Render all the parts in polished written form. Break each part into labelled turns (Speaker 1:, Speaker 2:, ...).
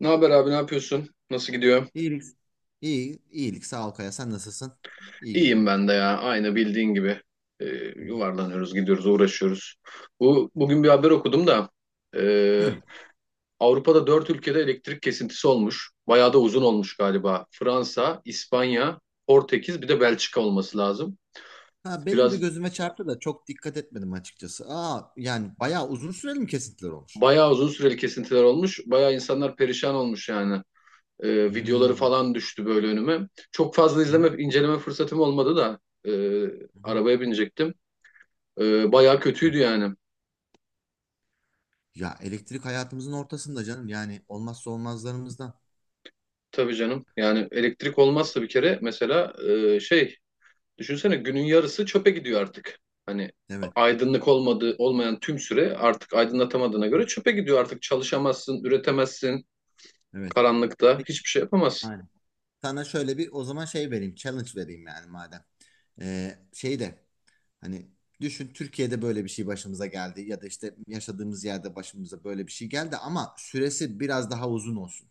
Speaker 1: Ne haber abi, ne yapıyorsun? Nasıl gidiyor?
Speaker 2: İyilik. İyi, iyilik. Sağ ol Kaya. Sen nasılsın? İyi
Speaker 1: İyiyim
Speaker 2: gidiyor.
Speaker 1: ben de ya. Aynı bildiğin gibi. Ee,
Speaker 2: Hı hı.
Speaker 1: yuvarlanıyoruz, gidiyoruz, uğraşıyoruz. Bugün bir haber okudum da ee,
Speaker 2: Hı.
Speaker 1: Avrupa'da 4 ülkede elektrik kesintisi olmuş. Bayağı da uzun olmuş galiba. Fransa, İspanya, Portekiz, bir de Belçika olması lazım.
Speaker 2: Ha, benim de
Speaker 1: Biraz
Speaker 2: gözüme çarptı da çok dikkat etmedim açıkçası. Aa, yani bayağı uzun süreli mi kesintiler olmuş?
Speaker 1: bayağı uzun süreli kesintiler olmuş. Bayağı insanlar perişan olmuş yani. Videoları
Speaker 2: Hmm.
Speaker 1: falan düştü böyle önüme. Çok fazla
Speaker 2: Hı hı.
Speaker 1: izleme, inceleme fırsatım olmadı da
Speaker 2: Hı hı.
Speaker 1: arabaya binecektim. Bayağı
Speaker 2: Evet.
Speaker 1: kötüydü yani.
Speaker 2: Ya elektrik hayatımızın ortasında canım. Yani olmazsa olmazlarımızdan.
Speaker 1: Tabii canım. Yani elektrik olmazsa bir kere mesela e, şey düşünsene günün yarısı çöpe gidiyor artık. Hani
Speaker 2: Evet.
Speaker 1: aydınlık olmadığı olmayan tüm süre artık aydınlatamadığına göre çöpe gidiyor artık. Çalışamazsın, üretemezsin.
Speaker 2: Evet.
Speaker 1: Karanlıkta
Speaker 2: Peki.
Speaker 1: hiçbir şey yapamazsın.
Speaker 2: Aynen. Sana şöyle bir o zaman şey vereyim. Challenge vereyim yani madem. Şey de hani düşün Türkiye'de böyle bir şey başımıza geldi ya da işte yaşadığımız yerde başımıza böyle bir şey geldi ama süresi biraz daha uzun olsun.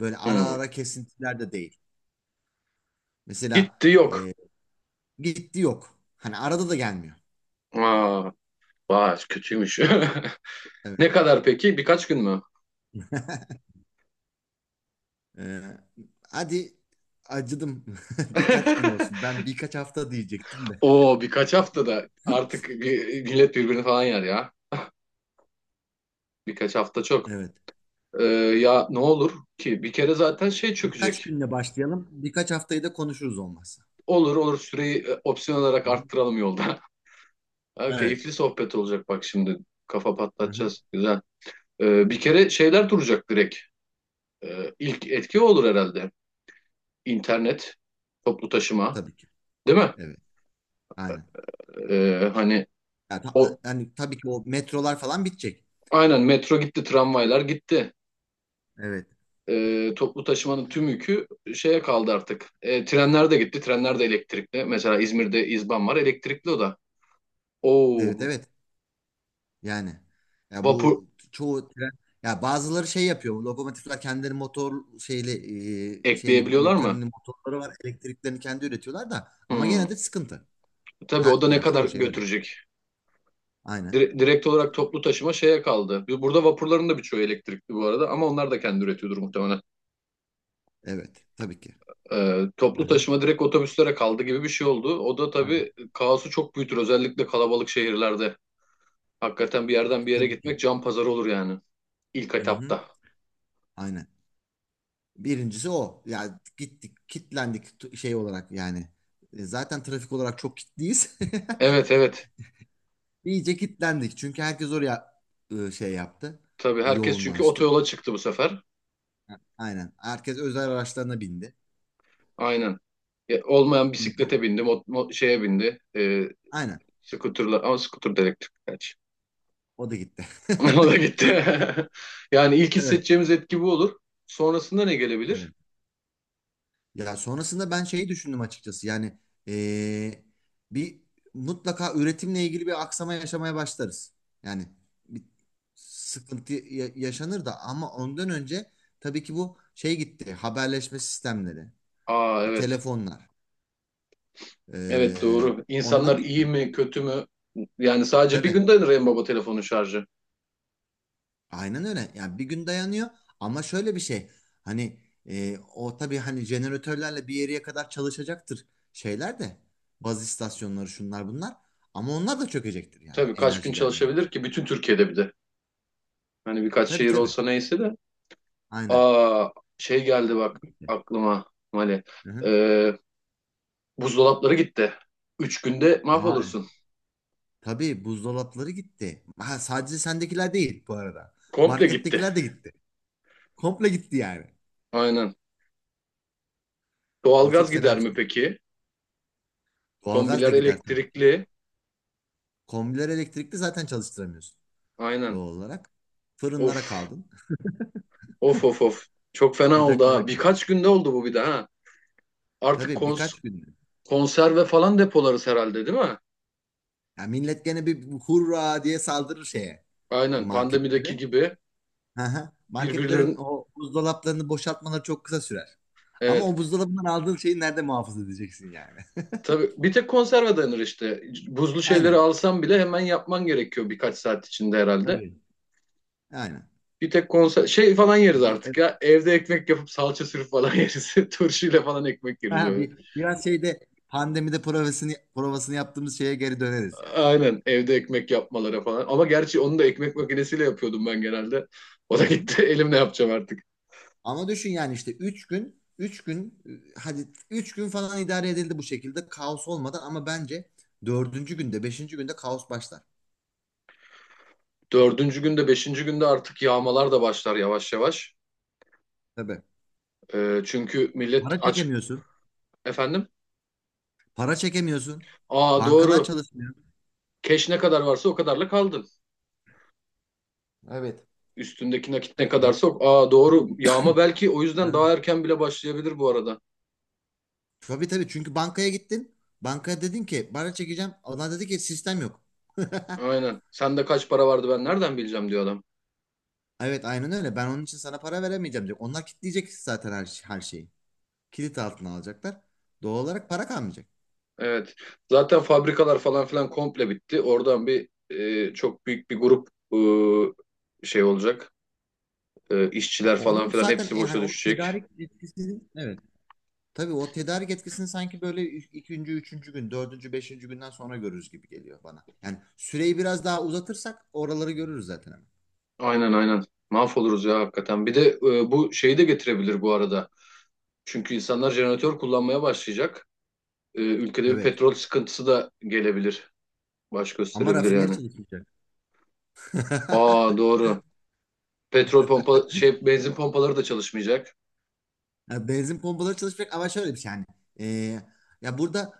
Speaker 2: Böyle ara
Speaker 1: Hmm.
Speaker 2: ara kesintiler de değil. Mesela
Speaker 1: Gitti yok.
Speaker 2: gitti yok. Hani arada da gelmiyor.
Speaker 1: Aa, vay kötüymüş.
Speaker 2: Evet.
Speaker 1: Ne kadar peki? Birkaç gün mü?
Speaker 2: E, hadi acıdım birkaç gün olsun. Ben birkaç hafta diyecektim de.
Speaker 1: Oo birkaç haftada artık bir, millet birbirini falan yer ya. Birkaç hafta çok.
Speaker 2: Evet.
Speaker 1: Ee, ya ne olur ki bir kere zaten şey
Speaker 2: Birkaç
Speaker 1: çökecek.
Speaker 2: günle başlayalım. Birkaç haftayı da konuşuruz olmazsa.
Speaker 1: Olur olur süreyi opsiyon olarak
Speaker 2: Hı hı.
Speaker 1: arttıralım yolda. Ha,
Speaker 2: Evet.
Speaker 1: keyifli sohbet olacak bak şimdi. Kafa
Speaker 2: Hı hı.
Speaker 1: patlatacağız. Güzel. Bir kere şeyler duracak direkt. İlk etki o olur herhalde. İnternet, toplu taşıma,
Speaker 2: Tabii ki.
Speaker 1: değil mi?
Speaker 2: Evet. Aynen.
Speaker 1: Hani
Speaker 2: Yani, ta-
Speaker 1: o
Speaker 2: Hani tabii ki o metrolar falan bitecek.
Speaker 1: aynen metro gitti, tramvaylar gitti.
Speaker 2: Evet.
Speaker 1: Toplu taşımanın tüm yükü şeye kaldı artık. Trenler de gitti, trenler de elektrikli. Mesela İzmir'de İzban var, elektrikli o da.
Speaker 2: Evet
Speaker 1: Oo,
Speaker 2: evet. Yani ya
Speaker 1: vapur,
Speaker 2: bu çoğu tren ya bazıları şey yapıyor. Bu lokomotifler kendileri motor şeyli şeyli
Speaker 1: ekleyebiliyorlar mı?
Speaker 2: motorları var. Elektriklerini kendi üretiyorlar da ama
Speaker 1: Hmm.
Speaker 2: gene de sıkıntı.
Speaker 1: Tabii o
Speaker 2: Ha
Speaker 1: da ne
Speaker 2: yani
Speaker 1: kadar
Speaker 2: çoğu şey öyle.
Speaker 1: götürecek?
Speaker 2: Aynen.
Speaker 1: Direkt olarak toplu taşıma şeye kaldı. Burada vapurların da birçoğu elektrikli bu arada ama onlar da kendi üretiyordur muhtemelen.
Speaker 2: Evet. Tabii ki.
Speaker 1: Toplu
Speaker 2: Aha,
Speaker 1: taşıma direkt otobüslere kaldı gibi bir şey oldu. O da
Speaker 2: aynen.
Speaker 1: tabii kaosu çok büyütür özellikle kalabalık şehirlerde. Hakikaten bir yerden bir yere
Speaker 2: Tabii ki.
Speaker 1: gitmek can pazarı olur yani ilk
Speaker 2: Hı-hı.
Speaker 1: etapta.
Speaker 2: Aynen. Birincisi o. Ya gittik, şey olarak yani. E, zaten trafik olarak çok kitliyiz.
Speaker 1: Evet evet.
Speaker 2: İyice kitlendik. Çünkü herkes oraya şey yaptı.
Speaker 1: Tabii herkes çünkü
Speaker 2: Yoğunlaştı.
Speaker 1: otoyola çıktı bu sefer.
Speaker 2: Aynen. Herkes özel araçlarına bindi.
Speaker 1: Aynen. Ya, olmayan
Speaker 2: Do-
Speaker 1: bisiklete bindi, şeye bindi.
Speaker 2: Aynen.
Speaker 1: Scooter'la ama scooter da elektrikli gerçi.
Speaker 2: O da gitti.
Speaker 1: O da gitti. Yani ilk
Speaker 2: Evet.
Speaker 1: hissedeceğimiz etki bu olur. Sonrasında ne gelebilir?
Speaker 2: Evet. Ya sonrasında ben şeyi düşündüm açıkçası. Yani eee, bir mutlaka üretimle ilgili bir aksama yaşamaya başlarız. Yani bir sıkıntı yaşanır da ama ondan önce tabii ki bu şey gitti. Haberleşme sistemleri,
Speaker 1: Aa evet.
Speaker 2: telefonlar.
Speaker 1: Evet doğru.
Speaker 2: Onlar
Speaker 1: İnsanlar iyi
Speaker 2: gitti.
Speaker 1: mi kötü mü? Yani sadece bir
Speaker 2: Tabii.
Speaker 1: günde en baba telefonun şarjı.
Speaker 2: Aynen öyle. Yani bir gün dayanıyor ama şöyle bir şey. Hani o tabii hani jeneratörlerle bir yere kadar çalışacaktır şeyler de. Baz istasyonları şunlar bunlar. Ama onlar da çökecektir yani
Speaker 1: Tabii kaç gün
Speaker 2: enerji gelmeyince.
Speaker 1: çalışabilir ki? Bütün Türkiye'de bir de. Hani birkaç
Speaker 2: Tabii
Speaker 1: şehir
Speaker 2: tabii.
Speaker 1: olsa neyse de.
Speaker 2: Aynen.
Speaker 1: Aa şey geldi bak
Speaker 2: Gitti.
Speaker 1: aklıma Mali.
Speaker 2: Hı hı.
Speaker 1: Ee, buzdolapları gitti. 3 günde
Speaker 2: Aa, e,
Speaker 1: mahvolursun.
Speaker 2: tabii buzdolapları gitti. Ha, sadece sendekiler değil bu arada.
Speaker 1: Komple gitti.
Speaker 2: Markettekiler de gitti. Komple gitti yani.
Speaker 1: Aynen.
Speaker 2: O
Speaker 1: Doğalgaz
Speaker 2: çok
Speaker 1: gider
Speaker 2: fena bir
Speaker 1: mi
Speaker 2: şey.
Speaker 1: peki?
Speaker 2: Doğalgaz da
Speaker 1: Kombiler
Speaker 2: gider tabii ki.
Speaker 1: elektrikli.
Speaker 2: Kombiler elektrikli zaten çalıştıramıyorsun
Speaker 1: Aynen.
Speaker 2: doğal olarak. Fırınlara
Speaker 1: Of,
Speaker 2: kaldın.
Speaker 1: of of of. Çok fena oldu
Speaker 2: Ocaklara
Speaker 1: ha.
Speaker 2: kadar.
Speaker 1: Birkaç günde oldu bu bir de ha. Artık
Speaker 2: Tabii birkaç günde.
Speaker 1: konserve falan depolarız herhalde değil mi?
Speaker 2: Ya millet gene bir hurra diye saldırır şeye
Speaker 1: Aynen pandemideki
Speaker 2: marketlere.
Speaker 1: gibi
Speaker 2: Hı hı. Marketlerin
Speaker 1: birbirlerin
Speaker 2: o buzdolaplarını boşaltmaları çok kısa sürer. Ama
Speaker 1: evet.
Speaker 2: o buzdolabından aldığın şeyi nerede muhafaza edeceksin yani?
Speaker 1: Tabii bir tek konserve dayanır işte. Buzlu şeyleri
Speaker 2: Aynen.
Speaker 1: alsam bile hemen yapman gerekiyor birkaç saat içinde herhalde.
Speaker 2: Tabii. Aynen.
Speaker 1: Bir tek konser şey falan yeriz
Speaker 2: Bir,
Speaker 1: artık
Speaker 2: evet.
Speaker 1: ya. Evde ekmek yapıp salça sürüp falan yeriz. Turşuyla falan ekmek yeriz
Speaker 2: Aha,
Speaker 1: öyle.
Speaker 2: bir, biraz şeyde pandemide provasını yaptığımız şeye geri döneriz yani.
Speaker 1: Aynen evde ekmek yapmalara falan. Ama gerçi onu da ekmek makinesiyle yapıyordum ben genelde. O da gitti. Elimle yapacağım artık.
Speaker 2: Ama düşün yani işte hadi 3 gün falan idare edildi bu şekilde kaos olmadan ama bence dördüncü günde beşinci günde kaos başlar.
Speaker 1: Dördüncü günde, beşinci günde artık yağmalar da başlar yavaş yavaş.
Speaker 2: Tabii.
Speaker 1: Çünkü millet
Speaker 2: Para
Speaker 1: aç
Speaker 2: çekemiyorsun.
Speaker 1: efendim.
Speaker 2: Para çekemiyorsun.
Speaker 1: Aa
Speaker 2: Bankalar
Speaker 1: doğru.
Speaker 2: çalışmıyor.
Speaker 1: Keş ne kadar varsa o kadarla kaldın.
Speaker 2: Evet.
Speaker 1: Üstündeki nakit ne kadarsa o. Aa doğru. Yağma belki o yüzden daha
Speaker 2: Ben-
Speaker 1: erken bile başlayabilir bu arada.
Speaker 2: Tabii tabii çünkü bankaya gittin. Bankaya dedin ki para çekeceğim. Onlar dedi ki sistem yok.
Speaker 1: Aynen. Sende kaç para vardı ben nereden bileceğim diyor adam.
Speaker 2: Evet aynen öyle. Ben onun için sana para veremeyeceğim diyor. Onlar kilitleyecek zaten her şeyi. Kilit altına alacaklar. Doğal olarak para kalmayacak.
Speaker 1: Evet. Zaten fabrikalar falan filan komple bitti. Oradan bir çok büyük bir grup şey olacak.
Speaker 2: Ya
Speaker 1: İşçiler falan
Speaker 2: onun
Speaker 1: filan
Speaker 2: zaten
Speaker 1: hepsi boşa
Speaker 2: hani o
Speaker 1: düşecek.
Speaker 2: tedarik etkisini evet. Tabii o tedarik etkisini sanki böyle ikinci, üçüncü gün, dördüncü, beşinci günden sonra görürüz gibi geliyor bana. Yani süreyi biraz daha uzatırsak oraları görürüz zaten hemen.
Speaker 1: Aynen aynen. Mahvoluruz ya hakikaten. Bir de bu şeyi de getirebilir bu arada. Çünkü insanlar jeneratör kullanmaya başlayacak. Ülkede bir
Speaker 2: Evet.
Speaker 1: petrol sıkıntısı da gelebilir. Baş
Speaker 2: Ama
Speaker 1: gösterebilir
Speaker 2: rafineri
Speaker 1: yani.
Speaker 2: çalışmayacak.
Speaker 1: Aa doğru. Petrol pompa şey benzin pompaları da çalışmayacak.
Speaker 2: Ya benzin pompaları çalışacak ama şöyle bir şey yani. Ee, ya burada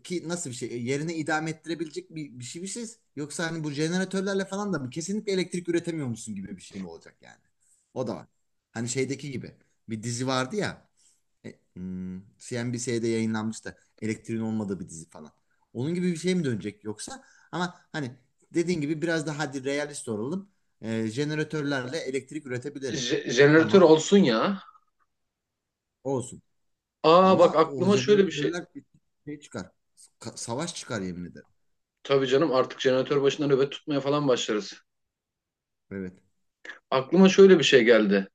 Speaker 2: ki nasıl bir şey yerine idame ettirebilecek bir şey bir şey yoksa hani bu jeneratörlerle falan da mı kesinlikle elektrik üretemiyormuşsun gibi bir şey mi olacak yani? O da var. Hani şeydeki gibi bir dizi vardı ya CNBC'de yayınlanmıştı elektriğin olmadığı bir dizi falan. Onun gibi bir şey mi dönecek yoksa ama hani dediğin gibi biraz daha hadi realist olalım. E, jeneratörlerle elektrik üretebilirim.
Speaker 1: Jeneratör
Speaker 2: Tamam.
Speaker 1: olsun ya.
Speaker 2: Olsun.
Speaker 1: Aa bak
Speaker 2: Ama o
Speaker 1: aklıma şöyle bir şey.
Speaker 2: jeneratörler şey çıkar. Savaş çıkar yemin ederim.
Speaker 1: Tabii canım artık jeneratör başında nöbet tutmaya falan başlarız.
Speaker 2: Evet.
Speaker 1: Aklıma şöyle bir şey geldi.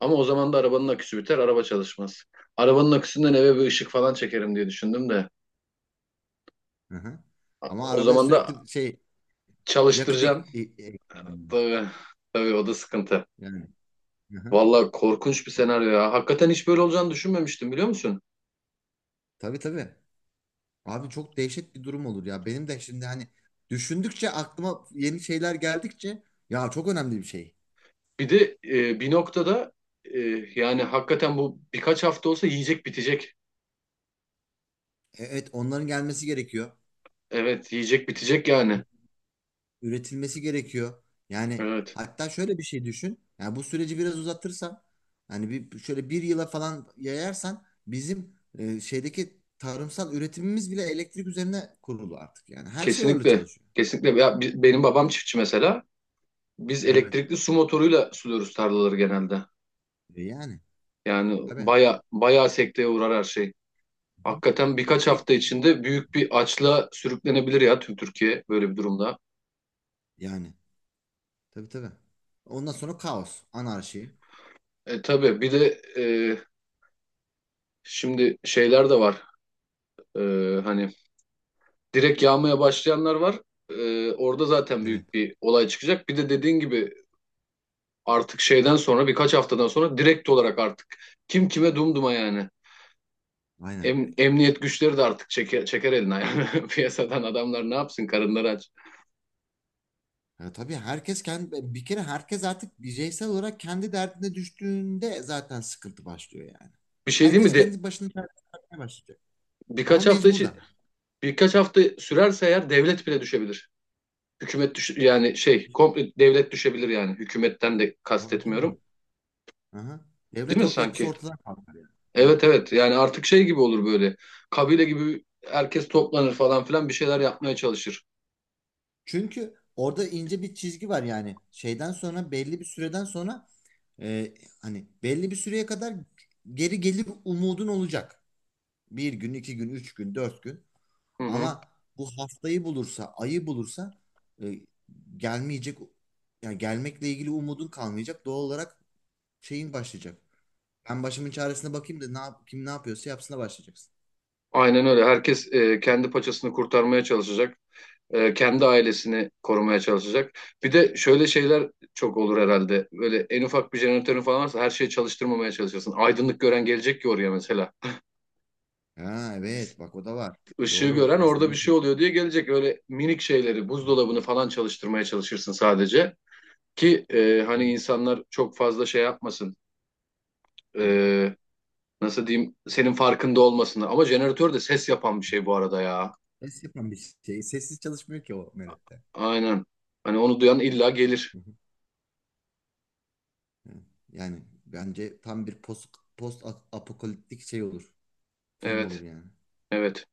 Speaker 1: Ama o zaman da arabanın aküsü biter, araba çalışmaz. Arabanın aküsünden eve bir ışık falan çekerim diye düşündüm de.
Speaker 2: Hı-hı. Ama
Speaker 1: O
Speaker 2: arabaya
Speaker 1: zaman da
Speaker 2: sürekli şey yakıt
Speaker 1: çalıştıracaksın. Tabii, tabii o da sıkıntı.
Speaker 2: yani. Hı-hı.
Speaker 1: Vallahi korkunç bir senaryo ya. Hakikaten hiç böyle olacağını düşünmemiştim biliyor musun?
Speaker 2: Tabii tabii. Abi çok dehşet bir durum olur ya. Benim de şimdi hani düşündükçe aklıma yeni şeyler geldikçe ya çok önemli bir şey.
Speaker 1: Bir de bir noktada e, yani hakikaten bu birkaç hafta olsa yiyecek bitecek.
Speaker 2: E-, Evet onların gelmesi gerekiyor.
Speaker 1: Evet, yiyecek bitecek yani.
Speaker 2: Üretilmesi gerekiyor. Yani
Speaker 1: Evet,
Speaker 2: hatta şöyle bir şey düşün. Yani bu süreci biraz uzatırsan hani bir şöyle bir yıla falan yayarsan bizim şeydeki tarımsal üretimimiz bile elektrik üzerine kurulu artık. Yani her şey orada
Speaker 1: kesinlikle.
Speaker 2: çalışıyor.
Speaker 1: Kesinlikle. Ya, benim babam çiftçi mesela. Biz
Speaker 2: Evet.
Speaker 1: elektrikli su motoruyla suluyoruz tarlaları genelde.
Speaker 2: E yani
Speaker 1: Yani
Speaker 2: tabii.
Speaker 1: baya bayağı sekteye uğrar her şey.
Speaker 2: Hı.
Speaker 1: Hakikaten birkaç
Speaker 2: Peki,
Speaker 1: hafta içinde büyük bir açla sürüklenebilir ya tüm Türkiye böyle bir durumda.
Speaker 2: yani tabii tabii. Ondan sonra kaos, anarşi.
Speaker 1: E tabii bir de şimdi şeyler de var. E, hani direkt yağmaya başlayanlar var. Orada zaten
Speaker 2: Evet.
Speaker 1: büyük bir olay çıkacak. Bir de dediğin gibi artık şeyden sonra birkaç haftadan sonra direkt olarak artık kim kime dumduma yani.
Speaker 2: Aynen.
Speaker 1: Emniyet güçleri de artık çeker, çeker eline yani. Piyasadan adamlar ne yapsın karınları aç.
Speaker 2: Ya tabii herkes kendi bir kere herkes artık bireysel olarak kendi derdine düştüğünde zaten sıkıntı başlıyor yani.
Speaker 1: Bir şey değil
Speaker 2: Herkes
Speaker 1: mi? De,
Speaker 2: kendi başına derdine bakmaya başlayacak. Ama
Speaker 1: birkaç hafta için
Speaker 2: mecburdan.
Speaker 1: birkaç hafta sürerse eğer devlet bile düşebilir. Hükümet düş yani şey komple devlet düşebilir yani hükümetten de
Speaker 2: Tabii tabii.
Speaker 1: kastetmiyorum.
Speaker 2: Aha.
Speaker 1: Değil
Speaker 2: Devlet
Speaker 1: mi
Speaker 2: o- yapısı
Speaker 1: sanki?
Speaker 2: ortadan kalkar yani. Evet.
Speaker 1: Evet evet yani artık şey gibi olur böyle. Kabile gibi herkes toplanır falan filan bir şeyler yapmaya çalışır.
Speaker 2: Çünkü orada ince bir çizgi var yani. Şeyden sonra belli bir süreden sonra e, hani belli bir süreye kadar geri gelir umudun olacak. Bir gün, iki gün, üç gün, dört gün.
Speaker 1: Hı hı.
Speaker 2: Ama bu haftayı bulursa, ayı bulursa e, gelmeyecek, yani gelmekle ilgili umudun kalmayacak. Doğal olarak şeyin başlayacak. Ben başımın çaresine bakayım da ne yap, kim ne yapıyorsa yapsına başlayacaksın.
Speaker 1: Aynen öyle. Herkes kendi paçasını kurtarmaya çalışacak. Kendi ailesini korumaya çalışacak. Bir de şöyle şeyler çok olur herhalde. Böyle en ufak bir jeneratörün falan varsa her şeyi çalıştırmamaya çalışırsın. Aydınlık gören gelecek ki oraya mesela.
Speaker 2: Ha evet bak o da var.
Speaker 1: Işığı
Speaker 2: Doğru
Speaker 1: gören orada bir
Speaker 2: gizlemek.
Speaker 1: şey
Speaker 2: Yok.
Speaker 1: oluyor diye gelecek. Öyle minik şeyleri
Speaker 2: Hı
Speaker 1: buzdolabını falan çalıştırmaya çalışırsın sadece. Ki hani
Speaker 2: hı,
Speaker 1: insanlar çok fazla şey yapmasın.
Speaker 2: hı hı.
Speaker 1: E, nasıl diyeyim senin farkında olmasın. Ama jeneratör de ses yapan bir şey bu arada ya.
Speaker 2: Ses yapan bir şey. Sessiz çalışmıyor ki o Meret'te.
Speaker 1: Aynen. Hani onu duyan illa gelir.
Speaker 2: Hı hı, evet. Yani bence tam bir post apokaliptik şey olur. Film olur
Speaker 1: Evet.
Speaker 2: yani.
Speaker 1: Evet.